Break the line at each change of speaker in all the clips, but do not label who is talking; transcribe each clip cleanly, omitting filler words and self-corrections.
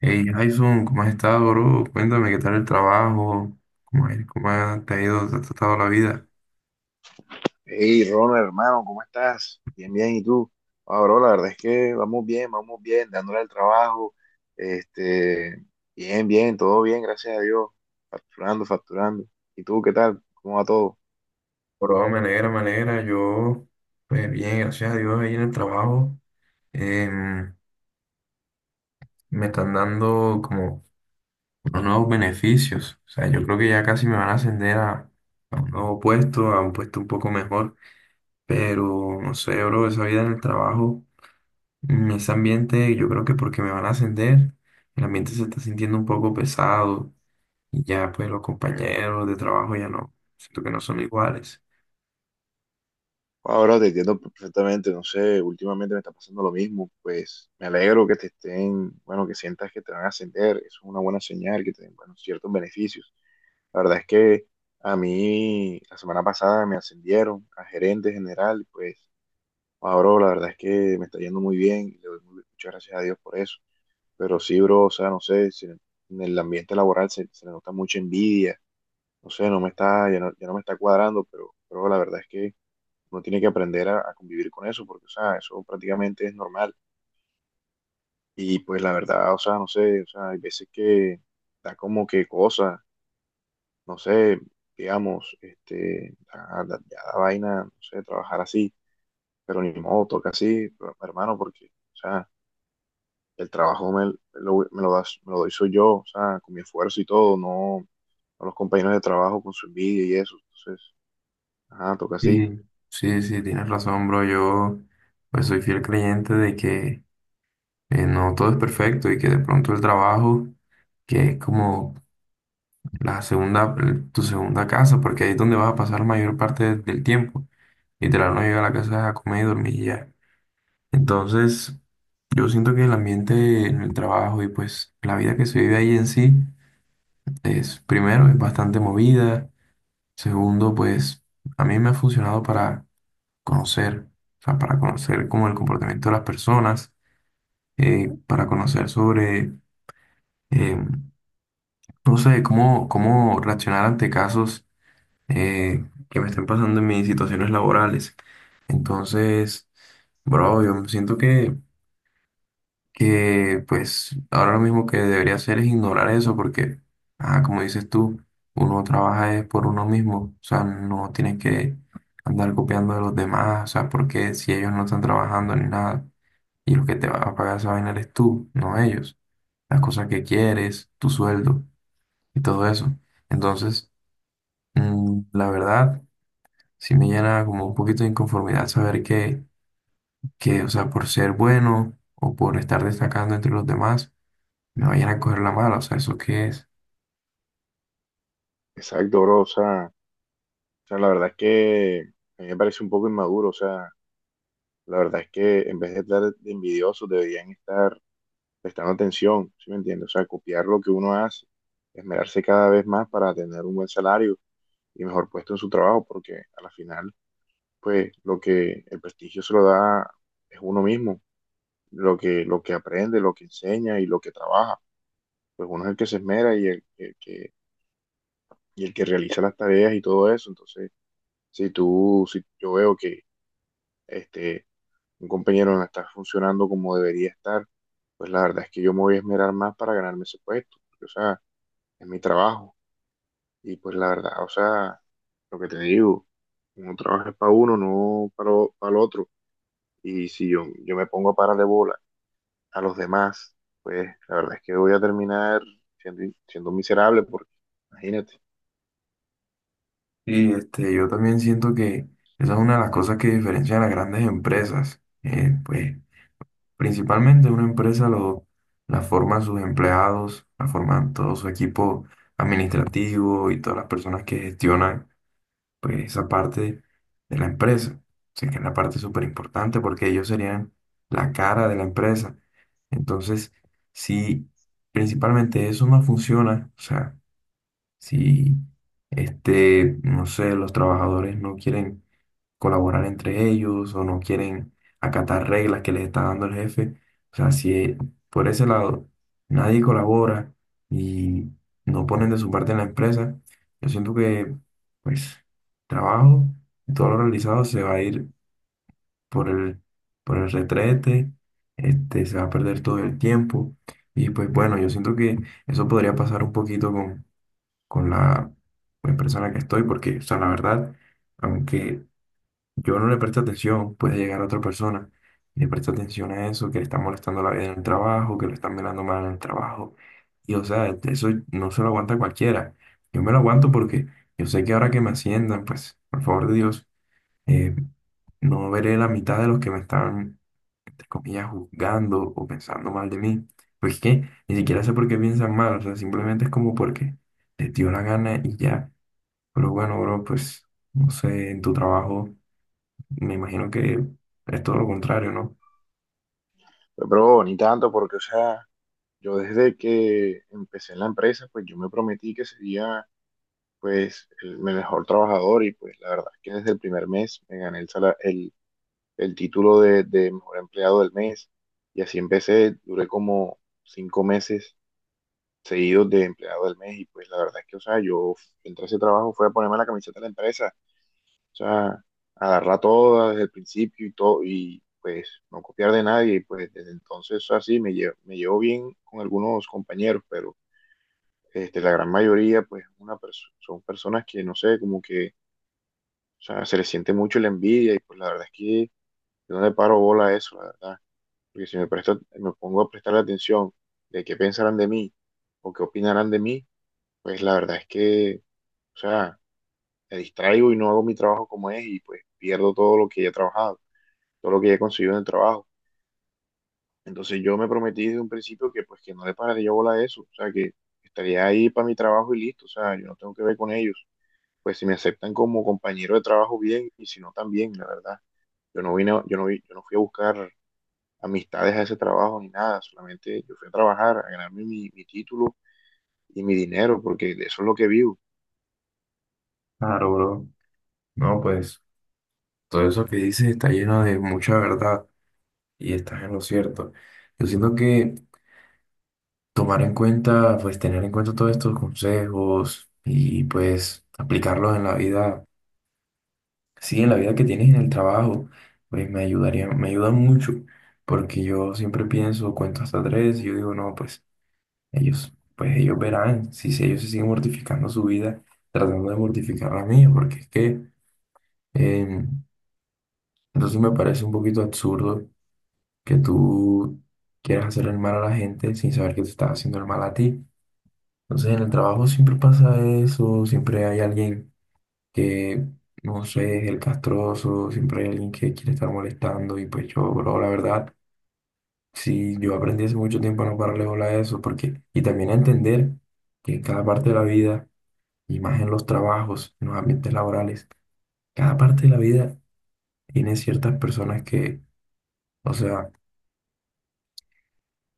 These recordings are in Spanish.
Hey Jason, ¿cómo has estado, bro? Cuéntame qué tal el trabajo, te ha ido, te ha tratado la vida.
Hey, Ronald, hermano, ¿cómo estás? Bien, bien, ¿y tú? Ah, bro, la verdad es que vamos bien, dándole al trabajo, este, bien, bien, todo bien, gracias a Dios, facturando, facturando. ¿Y tú qué tal? ¿Cómo va todo?
Bro, me alegra, me alegra. Yo, pues bien, gracias a Dios, ahí en el trabajo em, me están dando como unos nuevos beneficios. O sea, yo creo que ya casi me van a ascender a un nuevo puesto, a un puesto un poco mejor. Pero no sé, bro, esa vida en el trabajo, ese ambiente, yo creo que porque me van a ascender, el ambiente se está sintiendo un poco pesado. Y ya pues los compañeros de trabajo ya no, siento que no son iguales.
Ah, bro, te entiendo perfectamente, no sé, últimamente me está pasando lo mismo, pues me alegro que te estén, bueno, que sientas que te van a ascender, eso es una buena señal, que te den, bueno, ciertos beneficios. La verdad es que a mí la semana pasada me ascendieron a gerente general, pues. Ah, bro, la verdad es que me está yendo muy bien, y le doy muchas gracias a Dios por eso. Pero sí, bro, o sea, no sé, en el ambiente laboral se le nota mucha envidia, no sé, no me está, ya no, ya no me está cuadrando, pero la verdad es que uno tiene que aprender a convivir con eso, porque, o sea, eso prácticamente es normal. Y pues la verdad, o sea, no sé, o sea, hay veces que da como que cosa, no sé, digamos, ya da vaina, no sé, trabajar así, pero ni modo, toca así, pero, hermano, porque, o sea, el trabajo me lo doy soy yo, o sea, con mi esfuerzo y todo, no, no los compañeros de trabajo con su envidia y eso. Entonces, ajá, toca así.
Sí, sí, sí, tienes razón, bro. Yo pues soy fiel creyente de que no todo es perfecto y que de pronto el trabajo, que es como la segunda, tu segunda casa, porque ahí es donde vas a pasar la mayor parte del tiempo. Literal, no llega a la casa a comer y dormir y ya. Entonces, yo siento que el ambiente en el trabajo y pues la vida que se vive ahí en sí es, primero, es bastante movida. Segundo, pues a mí me ha funcionado para conocer, o sea, para conocer como el comportamiento de las personas, para conocer sobre, eh, no sé, cómo reaccionar ante casos eh, que me estén pasando en mis situaciones laborales. Entonces, bro, yo siento que pues ahora lo mismo que debería hacer es ignorar eso porque, ah, como dices tú, uno trabaja es por uno mismo, o sea, no tienes que andar copiando de los demás, o sea, porque si ellos no están trabajando ni nada y lo que te va a pagar esa vaina eres tú, no ellos, las cosas que quieres, tu sueldo y todo eso. Entonces, la verdad, sí me llena como un poquito de inconformidad saber que, o sea, por ser bueno o por estar destacando entre los demás, me vayan a coger la mala, o sea, ¿eso qué es?
Exacto, bro, o sea, la verdad es que a mí me parece un poco inmaduro, o sea, la verdad es que en vez de estar de envidiosos deberían estar prestando atención, ¿sí me entiendes? O sea, copiar lo que uno hace, esmerarse cada vez más para tener un buen salario y mejor puesto en su trabajo, porque a la final, pues, lo que el prestigio se lo da es uno mismo. Lo que aprende, lo que enseña y lo que trabaja. Pues uno es el que se esmera y el que realiza las tareas y todo eso. Entonces, si yo veo que este, un compañero no está funcionando como debería estar, pues la verdad es que yo me voy a esmerar más para ganarme ese puesto, porque, o sea, es mi trabajo. Y pues la verdad, o sea, lo que te digo, uno trabaja para uno, no para, para el otro. Y si yo me pongo a parar de bola a los demás, pues la verdad es que voy a terminar siendo miserable, porque imagínate.
Y este, yo también siento que esa es una de las cosas que diferencia a las grandes empresas. Pues, principalmente la forman sus empleados, la forman todo su equipo administrativo y todas las personas que gestionan pues, esa parte de la empresa. O sea, que es la parte súper importante porque ellos serían la cara de la empresa. Entonces, si principalmente eso no funciona, o sea, si, este, no sé, los trabajadores no quieren colaborar entre ellos o no quieren acatar reglas que les está dando el jefe. O sea, si por ese lado nadie colabora y no ponen de su parte en la empresa, yo siento que, pues, trabajo, todo lo realizado se va a ir por el, por el retrete, este, se va a perder todo el tiempo. Y pues bueno, yo siento que eso podría pasar un poquito con la empresa en la que estoy, porque, o sea, la verdad, aunque yo no le preste atención, puede llegar otra persona y le presta atención a eso, que le está molestando la vida en el trabajo, que lo están mirando mal en el trabajo. Y, o sea, eso no se lo aguanta cualquiera. Yo me lo aguanto porque yo sé que ahora que me asciendan, pues, por favor de Dios, eh, no veré la mitad de los que me están, entre comillas, juzgando o pensando mal de mí. Pues que ni siquiera sé por qué piensan mal, o sea, simplemente es como porque les dio la gana y ya. Pero bueno, bro, pues no sé, en tu trabajo me imagino que es todo lo contrario, ¿no?
Pero ni tanto, porque, o sea, yo desde que empecé en la empresa, pues yo me prometí que sería, pues, el mejor trabajador y pues la verdad es que desde el primer mes me gané el título de mejor empleado del mes y así empecé, duré como cinco meses seguidos de empleado del mes y pues la verdad es que, o sea, yo entré a ese trabajo, fue a ponerme la camiseta de la empresa. O sea, agarrar todo desde el principio y todo, y pues no copiar de nadie. Y pues desde entonces así me llevo bien con algunos compañeros, pero la gran mayoría pues son personas que no sé, como que, o sea, se les siente mucho la envidia y pues la verdad es que yo no le paro bola a eso, la verdad. Porque si me presto, me pongo a prestar atención de qué pensarán de mí o qué opinarán de mí, pues la verdad es que, o sea, me distraigo y no hago mi trabajo como es y pues pierdo todo lo que ya he trabajado, todo lo que he conseguido en el trabajo. Entonces yo me prometí desde un principio que pues que no le pararé yo bola a eso, o sea, que estaría ahí para mi trabajo y listo, o sea, yo no tengo que ver con ellos. Pues si me aceptan como compañero de trabajo bien y si no también, la verdad. Yo no vine, yo no fui a buscar amistades a ese trabajo ni nada, solamente yo fui a trabajar, a ganarme mi título y mi dinero, porque de eso es lo que vivo.
Claro, bro. No, pues todo eso que dices está lleno de mucha verdad y estás en lo cierto. Yo siento que tomar en cuenta, pues tener en cuenta todos estos consejos y pues aplicarlos en la vida, sí, en la vida que tienes en el trabajo, pues me ayudaría, me ayuda mucho porque yo siempre pienso, cuento hasta tres y yo digo, no, pues ellos verán si ellos se siguen mortificando su vida tratando de mortificar la mía, porque es que eh, entonces me parece un poquito absurdo que tú quieras hacer el mal a la gente sin saber que te estás haciendo el mal a ti. Entonces en el trabajo siempre pasa eso, siempre hay alguien que, no sé, es el castroso, siempre hay alguien que quiere estar molestando y pues yo, bro, la verdad, sí, yo aprendí hace mucho tiempo a no pararle bola a eso, porque, y también a entender que en cada parte de la vida y más en los trabajos, en los ambientes laborales. Cada parte de la vida tiene ciertas personas que, o sea,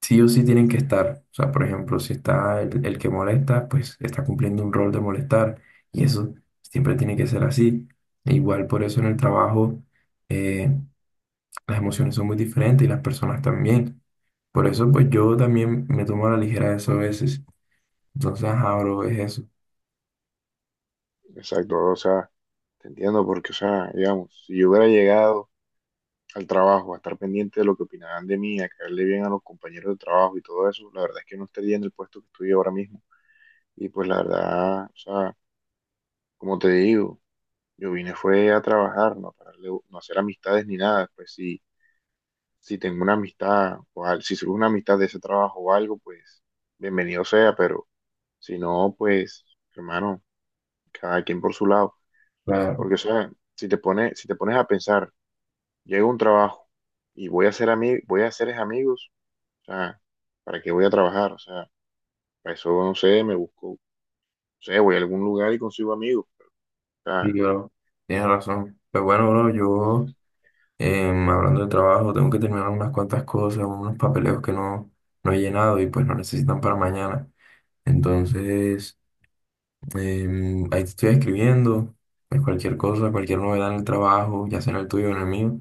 sí o sí tienen que estar. O sea, por ejemplo, si está el que molesta, pues está cumpliendo un rol de molestar y eso siempre tiene que ser así. E igual por eso en el trabajo eh, las emociones son muy diferentes y las personas también. Por eso, pues yo también me tomo a la ligera eso a veces. Entonces, ajá, bro, es eso.
Exacto, o sea, te entiendo, porque, o sea, digamos, si yo hubiera llegado al trabajo, a estar pendiente de lo que opinaban de mí, a caerle bien a los compañeros de trabajo y todo eso, la verdad es que no estaría en el puesto que estoy ahora mismo. Y pues la verdad, o sea, como te digo, yo vine fue a trabajar, no, no a hacer amistades ni nada. Pues si, si tengo una amistad, o si surge una amistad de ese trabajo o algo, pues bienvenido sea, pero si no, pues hermano, cada quien por su lado.
Claro.
Porque, o sea, si te pones a pensar, llego a un trabajo y voy a hacer, voy a hacer es amigos. O sea, ¿para qué voy a trabajar? O sea, para eso no sé, me busco, no sé, voy a algún lugar y consigo amigos. O
Sí,
sea,
bro, tienes razón. Pues bueno, bro, yo... Hablando de trabajo, tengo que terminar unas cuantas cosas, unos papeleos que no, no he llenado y pues no necesitan para mañana. Entonces, ahí te estoy escribiendo, pues cualquier cosa, cualquier novedad en el trabajo, ya sea en el tuyo o en el mío,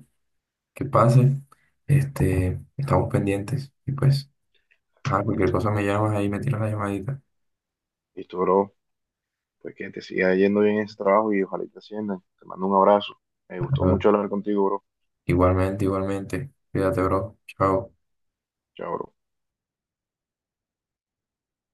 que pase, este, estamos pendientes y pues, ajá, cualquier cosa me llamas ahí, me tiras la llamadita.
listo, bro, pues que te siga yendo bien en ese trabajo y ojalá y te asciendan. Te mando un abrazo. Me gustó
Ah,
mucho hablar contigo, bro.
igualmente, igualmente, cuídate, bro, chao.
Chao, bro.